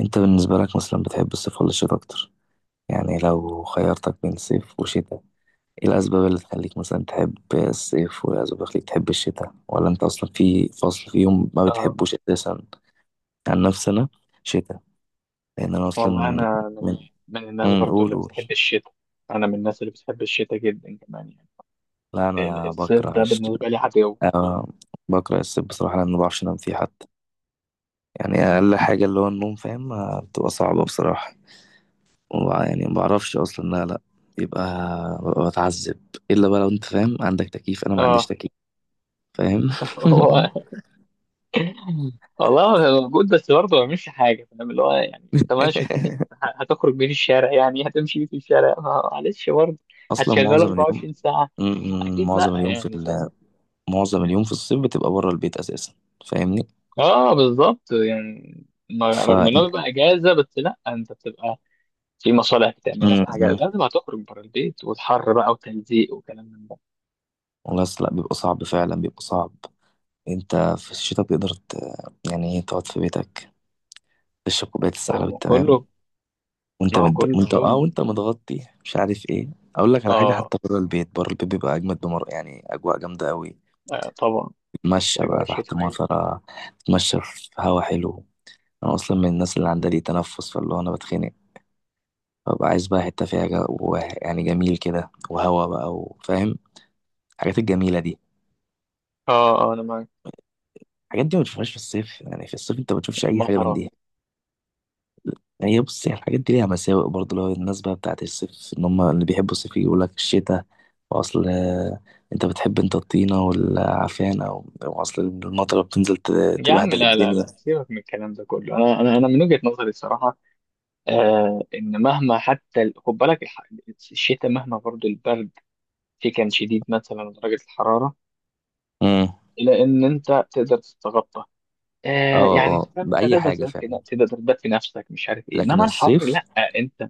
انت بالنسبة لك مثلا بتحب الصيف ولا الشتاء اكتر؟ يعني لو خيرتك بين صيف وشتاء، ايه الاسباب اللي تخليك مثلا تحب الصيف وايه الاسباب اللي تخليك تحب الشتاء، ولا انت اصلا في فصل فيهم ما اه، بتحبوش اساسا؟ عن نفسي انا شتاء. لان انا اصلا والله انا من, من، من الناس برضو قول اللي قول. بتحب الشتاء. انا من الناس اللي بتحب الشتاء جدا كمان، يعني لا ال- انا الصيف بكره ده بالنسبه لي عدو. أه، بكره الصيف بصراحة لان ما بعرفش انام فيه حتى. يعني اقل حاجة اللي هو النوم، فاهم؟ بتبقى صعبة بصراحة. يعني ما بعرفش اصلا، لا، لا. يبقى ببقى بتعذب، الا بقى لو انت فاهم عندك تكييف، انا ما عنديش اه. تكييف، فاهم؟ هو، والله هو موجود بس برضه ما بيعملش حاجه، فاهم؟ اللي هو يعني انت ماشي تكيف، هتخرج بيه في الشارع، يعني هتمشي بيه في الشارع، معلش برضه اصلا هتشغله معظم اليوم، 24 ساعه؟ م- اكيد لا، معظم اليوم يعني فاهم. معظم اليوم في الصيف بتبقى بره البيت اساسا، فاهمني؟ اه، بالظبط، يعني ف رغم انه بيبقى اجازه، بس لا انت بتبقى في مصالح بتعملها، في حاجة لازم هتخرج بره البيت، والحر بقى، وتلزيق، وكلام من ده. بس لا، بيبقى صعب فعلا، بيبقى صعب. انت في الشتاء بتقدر يعني ايه، تقعد في بيتك، تشرب كوبايه السحلب هو كله، التمام، وانت ما هو مد... كله وانت اه كوم. اه وانت متغطي، مش عارف ايه. اقول لك على حاجه، اه. حتى بره البيت، بره البيت بيبقى اجمد بمر يعني، اجواء جامده قوي. آه، طبعا، تتمشى الأجواء بقى تحت الشتوية. مطره، تتمشى في هوا حلو. انا اصلا من الناس اللي عندها لي تنفس، فاللي هو انا بتخنق، ببقى عايز بقى حته فيها يعني جميل كده وهوا بقى، وفاهم الحاجات الجميله دي. اه، اه، أنا معاك. الحاجات دي ما بتشوفهاش في الصيف، يعني في الصيف انت ما بتشوفش اي حاجه من المطرة. دي. يعني هي، بص، هي الحاجات دي ليها مساوئ برضه، اللي هو الناس بقى بتاعت الصيف، ان هم اللي بيحبوا الصيف يقول لك الشتاء، واصل، انت بتحب، انت الطينة والعفان، أو اصل المطره بتنزل يا عم تبهدل لا لا الدنيا. لا، سيبك من الكلام ده كله، أنا من وجهة نظري الصراحة، آه، إن مهما حتى خد بالك الشتاء مهما برضو البرد فيه كان شديد، مثلا درجة الحرارة، امم إلا إن أنت تقدر تتغطى. آه، اه، يعني أنت اه، فاهم، أنت بأي تقدر حاجة تدفي فعلا. ن- تقدر تدفي نفسك، مش عارف إيه، لكن إنما الحر الصيف، لا. أنت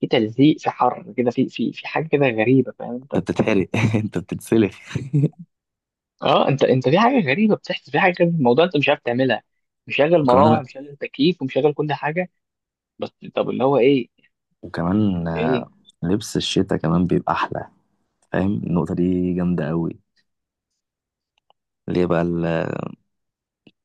في تلزيق، في حر كده، في حاجه كده غريبه، فاهم انت؟ انت بتتحرق انت بتتسلخ. اه، انت في حاجه غريبه بتحصل، في حاجه كده في الموضوع، انت مش عارف تعملها. مشغل وكمان مراوح، انا مشغل تكييف، ومشغل كل حاجه. بس طب اللي هو ايه وكمان ايه آه، لبس الشتاء كمان بيبقى احلى، فاهم؟ النقطة دي جامدة قوي. ليه بقى؟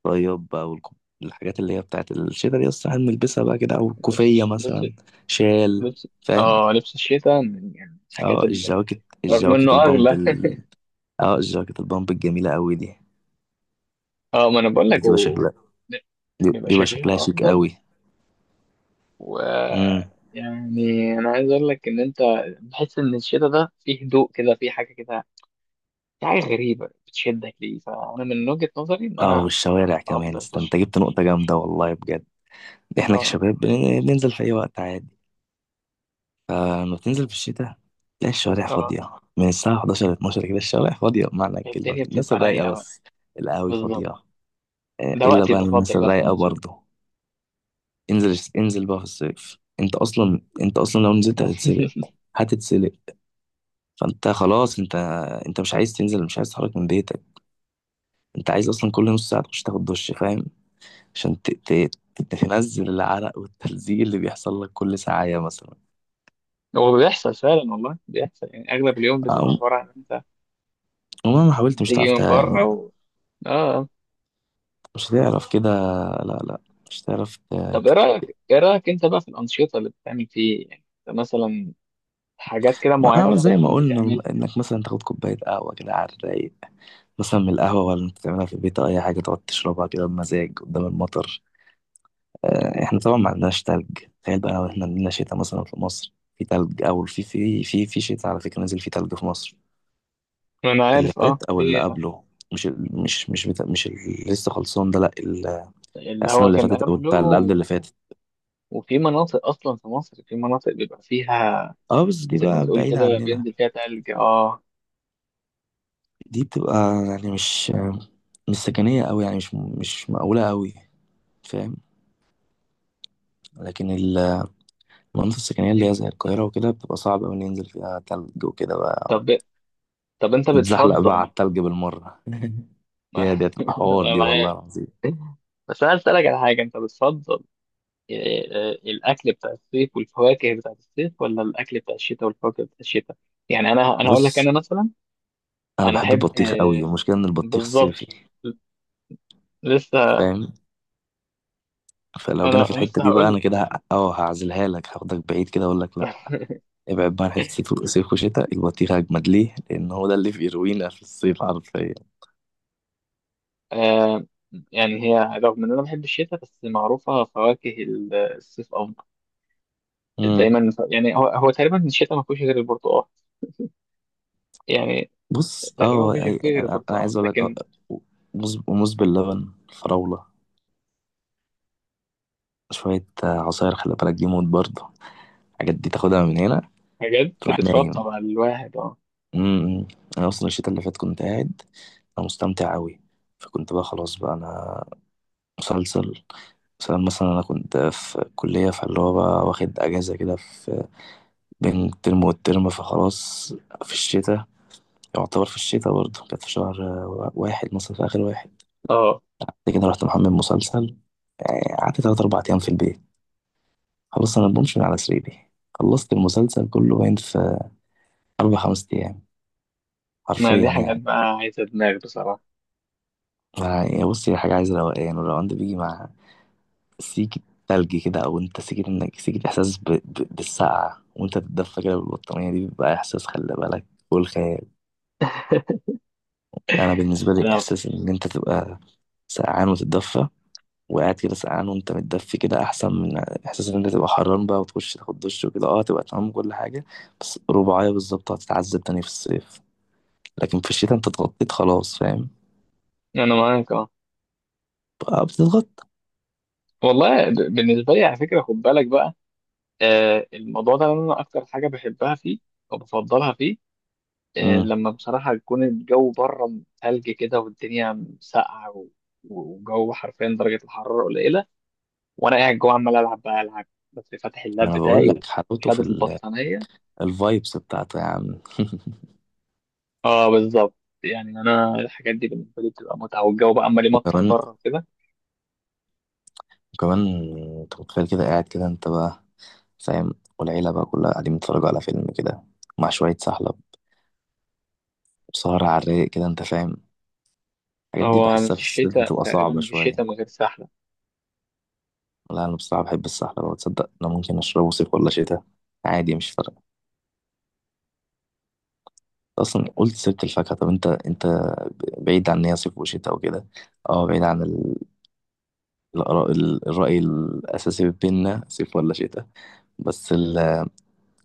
طيب بقى، الحاجات اللي هي بتاعت الشتا دي بس هنلبسها بقى كده، او لبس الكوفية الش- لبس مثلا، شال، لبس فاهم؟ اه لبس الشتاء، يعني الحاجات اه، الجواكت رغم انه الجواكت البامب، اغلى. اه، الجواكت البامب الجميلة قوي دي، اه ما انا بقول لك بتبقى شكلها، بيبقى بيبقى شكلها شكلها شيك افضل. قوي. و، امم يعني انا عايز اقول لك ان انت بتحس ان الشتاء ده فيه هدوء كده، فيه حاجه كده، في حاجة غريبة بتشدك ليه. فأنا من وجهة نظري إن اه، أنا والشوارع كمان، أفضل في انت الشتاء. جبت نقطة مش. جامدة والله بجد. احنا آه. كشباب بننزل في اي وقت عادي. فلما بتنزل في الشتاء تلاقي الشوارع آه. فاضية، من الساعة 11 ل 12 كده الشوارع فاضية بمعنى الكلمة، الدنيا الناس بتبقى رايقة الرايقة بقى. بس، القهاوي فاضية. بالظبط. ده الا وقتي بقى المفضل الناس بقى في الرايقه النزول. برضه. انزل انزل بقى في الصيف، انت اصلا لو نزلت هتتسلق، هتتسلق. فانت خلاص، انت انت مش عايز تنزل، مش عايز تتحرك من بيتك، انت عايز اصلا كل نص ساعه تخش تاخد دش، فاهم؟ عشان تنزل العرق والتلزيق اللي بيحصل لك كل ساعه مثلا. هو بيحصل فعلا، والله بيحصل، يعني أغلب اليوم بتبقى أو... عبارة عن أنت ومهما حاولت مش تيجي هتعرف من يعني، بره آه مش هتعرف كده، لا، لا، مش هتعرف طب إيه تك- رأيك، إيه رأيك أنت بقى في الأنشطة اللي بتعمل فيه، يعني أنت مثلا حاجات كده ما معينة أنا أنت زي ما تكون قلنا، بتعملها. انك مثلا تاخد كوبايه قهوه كده على الرايق، مثلا من القهوة، ولا انت تعملها في البيت، أو أي حاجة تقعد تشربها كده بمزاج قدام المطر. احنا طبعا ما عندناش تلج. تخيل بقى لو احنا عندنا شتاء مثلا في مصر في تلج، أو في شتاء، على فكرة نزل فيه تلج في مصر، أنا اللي عارف، فات أو اللي في قبله. مش ال- مش مش بتا... مش اللي لسه خلصان ده، لا، اللي السنة هو اللي كان فاتت أو بتاع اللي قبل قبله. اللي فاتت. وفي مناطق اصلا في مصر في مناطق بيبقى فيها، اه، بس دي زي ما بقى تقول بعيدة كده عننا، بينزل فيها تلج، اه. دي بتبقى يعني مش، مش سكنية أوي، يعني مش مقاولة أوي، فاهم؟ لكن المناطق السكنية اللي انت- هي زي القاهرة وكده بتبقى صعب أوي ننزل فيها تلج وكده بقى. طب طب انت نتزحلق بقى على بتفضل؟ التلج بالمرة. يا دي هتبقى حوار انا دي والله معاك. العظيم. بس انا اسالك على حاجه، انت بتفضل الاكل بتاع الصيف والفواكه بتاع الصيف، ولا الاكل بتاع الشتاء والفواكه بتاع الشتاء؟ يعني انا هقول لك بص، انا مثلا أنا انا بحب احب، البطيخ أوي والمشكلة إن البطيخ صيفي، بالظبط، لسه. فاهم؟ فلو جينا في انا أنا الحتة لسه دي بقى، هقول لك، أنا كده ه- أه هعزلها لك، هاخدك بعيد كده، أقول لك لأ. ابعد بقى عن حتة صيف، صيف وشتاء، البطيخ أجمد ليه؟ لأن هو ده اللي في، يروينا في الصيف حرفيا. آه، يعني هي رغم ان انا بحب الشتاء، بس معروفه فواكه الصيف افضل مم. دايما، يعني هو تقريبا الشتاء ما فيهوش غير البرتقال، يعني بص، تقريبا ما أه فيش فيه أي- غير أنا أنا البرتقال، عايز أقول لك، لكن موز باللبن، فراولة، شوية عصاير، خلي بالك دي موت برضه، الحاجات دي تاخدها من هنا حاجات تروح نايم. بترطب على الواحد، اه، امم انا اصلا الشتاء اللي فات كنت قاعد، انا مستمتع قوي. فكنت بقى خلاص بقى انا، مسلسل، مثلا انا كنت في كلية، فاللي هو بقى واخد اجازة كده في بين الترم والترم، فخلاص، في الشتاء، يعتبر في الشتاء برضه كانت في شهر واحد مثلا، في اخر واحد. اه، بعد كده رحت محمل مسلسل، يعني قعدت تلات اربع ايام في البيت، خلاص انا بمشي من على سريري، خلصت المسلسل كله باين في أربع خمس أيام، ما دي حرفيا حاجات يعني. بقى عايزه دماغ بصراحه. يعني بص، هي حاجة عايزة روقان، والروقان ده بيجي مع سيكة تلج كده، أو أنت سيكة، إنك سيكة إحساس بالسقعة وأنت تتدفى كده بالبطانية، دي بيبقى إحساس، خلي بالك، والخيال. أنا بالنسبة لي انا إحساس إن أنت تبقى سقعان وتتدفى، وقاعد كده سقعان وأنت متدفي كده، أحسن من إحساس إن أنت تبقى حران بقى وتخش تاخد دش وكده، أه تبقى تمام كل حاجة، بس رباعية بالظبط هتتعذب تاني في الصيف. لكن في الشتاء أنت اتغطيت خلاص، فاهم؟ انا معاك. اه، بقى بتتغطى. والله بالنسبه لي على فكره، خد بالك بقى، آه، الموضوع ده انا اكتر حاجه بحبها فيه، او بفضلها فيه، آه مم. لما بصراحه يكون الجو بره ثلج كده، والدنيا ساقعه، وجو حرفيا درجه الحراره قليله، وانا قاعد جوه عمال العب بقى العب، بس فاتح ما اللاب انا بقول بتاعي لك حلاوته في وشادد البطانيه. الفايبس بتاعته يا عم. اه بالظبط، يعني انا الحاجات دي بالنسبه لي بتبقى متعه، والجو بقى عمال يمطر وكمان بره كده. وكمان انت متخيل كده قاعد كده، انت بقى، فاهم؟ والعيلة بقى كلها قاعدين بيتفرجوا على فيلم كده، مع شوية سحلب، وسهرة على الرايق كده، انت فاهم. الحاجات دي هو بحسها في مفيش الصيف شتاء، بتبقى تقريبا صعبة مفيش شتاء من شوية. غير سحله. لا، انا بصراحة بحب السحلب، وتصدق انا ممكن اشربه صيف ولا شتاء عادي، مش فارقة. اصلا قلت سيرة الفاكهة، طب انت بعيد عن ان هي صيف وشتاء وكده، اه، بعيد عن الآراء- الرأي الأساسي بينا صيف ولا شتاء، بس،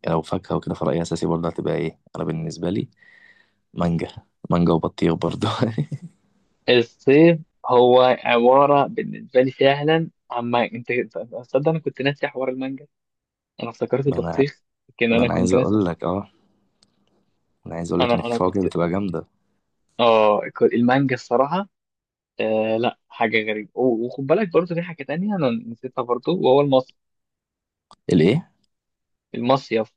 يعني لو فاكهة وكده، فرأيي أساسي برضه هتبقى إيه؟ أنا بالنسبة لي، مانجا، مانجا وبطيخ برضه. الصيف هو عباره بالنسبه لي فعلا عما انت، تصدق انا كنت ناسي حوار المانجا، انا افتكرت ما أنا البطيخ لكن ما انا أنا عايز كنت ناسي أقول حوار- لك، أنا عايز أقول لك إن انا في انا كنت فواكه بتبقى جامدة. اه كنت- المانجا الصراحه، لا حاجه غريبه، وخد بالك برضه في حاجه تانية انا نسيتها برضه، وهو المصيف. الإيه؟ المصيف.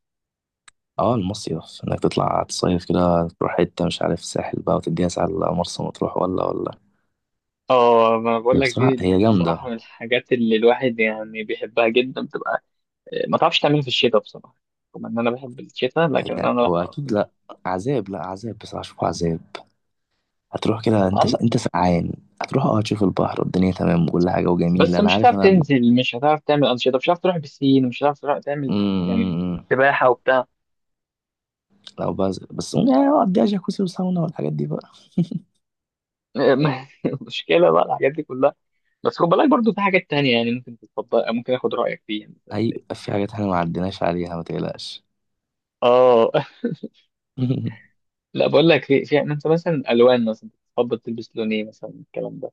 أه، المصيف، إنك تطلع تصيف كده، تروح حتة مش عارف ساحل بقى، وتديها ساعة على مرسى مطروح ولا اه، ما بقول هي لك، دي بصراحة دي هي دي جامدة. الصراحه من الحاجات اللي الواحد يعني بيحبها جدا، بتبقى ما تعرفش تعملها في الشتاء بصراحه. رغم ان انا بحب الشتاء، لكن هي انا لا هو ما أكيد، بحبش. لأ عذاب، لأ عذاب بصراحة، أشوفه عذاب. هتروح كده، أنت عندك أنت سقعان، هتروح تشوف البحر والدنيا تمام وكل حاجة وجميلة، بس أنا مش عارف. هتعرف أنا تنزل، مش هتعرف تعمل انشطه، مش هتعرف تروح بسين، مش هتعرف تروح تعمل، أمم، أمم، يعني أمم. سباحه وبتاع. لو بس يعني اقضيها جاكوزي وساونا والحاجات دي بقى. مشكله بقى الحاجات دي كلها. بس خد بالك برضو في حاجات تانية، يعني ممكن تتفضل، ممكن اخد رايك فيها. هيبقى في حاجات احنا ما عديناش عليها، ما تقلقش. اه. لا بقول لك، في انت مثلا الوان مثلا، تفضل تلبس لون ايه مثلا، الكلام ده،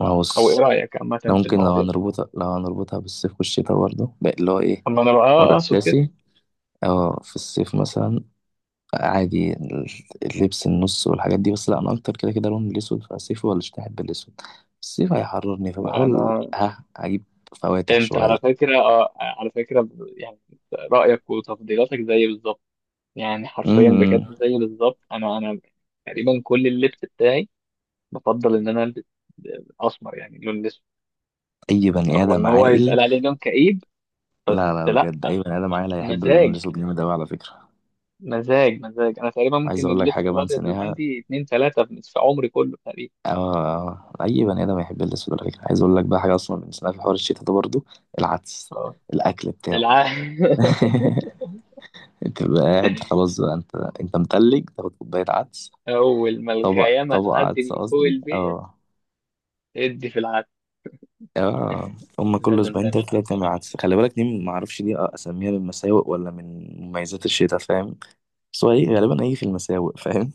ما هو او ايه بص، رايك عامه إحنا في ممكن، لو المواضيع دي؟ هنربطها لو هنربطها بالصيف والشتاء برضه بقى، اللي هو ايه، طب ما انا بقى، ورق اقصد كده. اساسي. اه، في الصيف مثلا عادي، اللبس النص والحاجات دي، بس لا انا اكتر كده كده لون الاسود. فالصيف ولا الشتاء احب الاسود؟ الصيف هيحررني فبحاول انا، اجيب فواتح انت شويه. على فكره، على فكره، يعني رايك وتفضيلاتك زي بالظبط، يعني حرفيا امم بجد زي بالظبط. انا تقريبا كل اللبس بتاعي بفضل ان انا البس اسمر، يعني لون اسود. اي بني رغم ان ادم هو عاقل. يتقال عليه لون كئيب لا، لا، بس لا. بجد اي بني ادم عاقل هيحب اللون مزاج، الاسود جامد اوي على فكره. مزاج، مزاج. انا تقريبا عايز ممكن اقول لك اللبس حاجه الابيض اللي بنسيناها. عندي اتنين ثلاثه في نصف عمري كله تقريبا. آه، اي بني ادم يحب الاسود على فكره. عايز اقول لك بقى حاجه اصلا بنسيناها في حوار الشتاء ده برضو، العدس، آه. الاكل بتاعه. الع... انت بقى قاعد خلاص بقى انت، انت متلج تاخد كوبايه عدس، اول ما طبق الغيامه طبق تعدي عدس من فوق قصدي، البيت، اه. ادي في العسل. اه، هما كل لازم اسبوعين تعمل تلاتة كده عدس بتعمل طبعا. عدس، خلي بالك دي، ما اعرفش دي اسميها من مساوئ ولا من مميزات الشتاء، فاهم؟ بس هو ايه غالبا؟ ايه في المساوئ، فاهم؟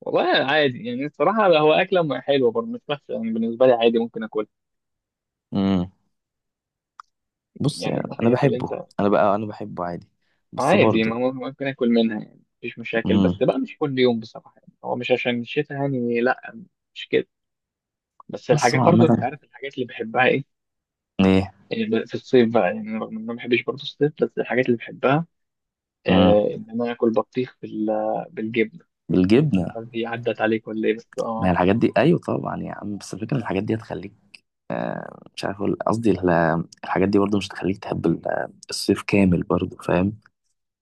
والله عادي، يعني الصراحة هو أكلة حلوة برضه، مش وحشة، يعني بالنسبة لي عادي ممكن أكل. امم بص يعني يعني من انا الحاجات اللي أنت، بحبه انا بقى انا بحبه عادي، بس عادي، ما برضه، هو ممكن أكل منها، يعني مفيش مشاكل، بس بقى مش كل يوم بصراحة، يعني هو مش عشان الشتاء يعني، لا مش كده. بس بس الحاجات هو برضه، أنت عامة، عارف الحاجات اللي بحبها إيه، ايه، يعني في الصيف بقى، يعني أنا رغم إن أنا ما بحبش برضه الصيف، بس الحاجات اللي بحبها، امم آه، إن أنا آكل بطيخ بالجبنة، مش بالجبنه. عارف هي عدت عليك ولا إيه بس ما هي آه. الحاجات دي ايوه طبعا يا عم، بس الفكره إن الحاجات دي هتخليك، مش عارف اقول قصدي، الحاجات دي برضو مش هتخليك تحب الصيف كامل برضو، فاهم؟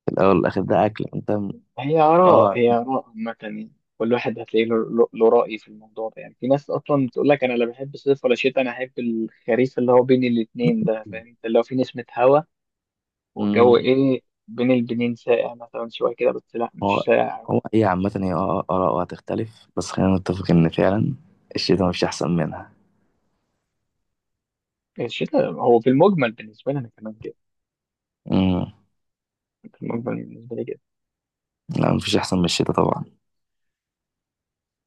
في الاول والاخر ده اكل، انت هي آراء، اه. هي آراء عامة، يعني كل واحد هتلاقي له له رأي في الموضوع ده، يعني في ناس أصلا تقول لك أنا لا بحب الصيف ولا شتاء، أنا أحب الخريف اللي هو بين الاتنين ده، فاهم أنت؟ اللي هو في نسمة هوا والجو امم إيه، بين البنين ساقع مثلا شوية كده، بس لا مش هو ساقع. هو ايه عامه، هي اراء وهتختلف، بس خلينا نتفق ان فعلا الشتاء مفيش احسن منها. الشتاء هو في المجمل بالنسبة لي أنا كمان كده، امم في المجمل بالنسبة لي كده. لا، مفيش احسن من الشتاء طبعا.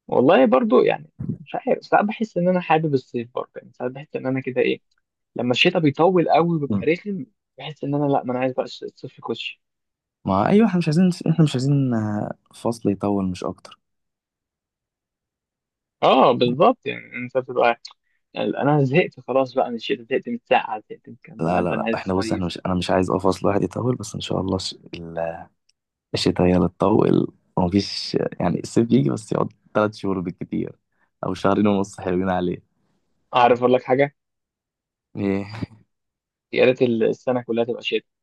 والله برضو، يعني مش عارف، ساعات بحس إن أنا حابب الصيف برضه، يعني ساعات بحس إن أنا كده إيه، لما الشتاء بيطول قوي وبيبقى مم. رخم، بحس إن أنا لا، ما أنا عايز بقى الصيف يخش. ما ايوه، احنا مش عايزين فصل يطول، مش اكتر. اه بالظبط، يعني انت بتبقى، يعني انا زهقت خلاص بقى من الشتاء، زهقت من السقعه، زهقت من الكلام ده لا، لا، ده لا، انا لا، عايز احنا بص، احنا اصيف. مش انا مش عايز اقف، اصل الواحد يطول، بس ان شاء الله الشتاء هي اللي تطول، ومفيش يعني الصيف يجي بس يقعد 3 شهور بالكتير، او شهرين ونص حلوين عليه. اعرف اقول لك حاجه، ايه؟ يا ريت السنه كلها تبقى شتاء.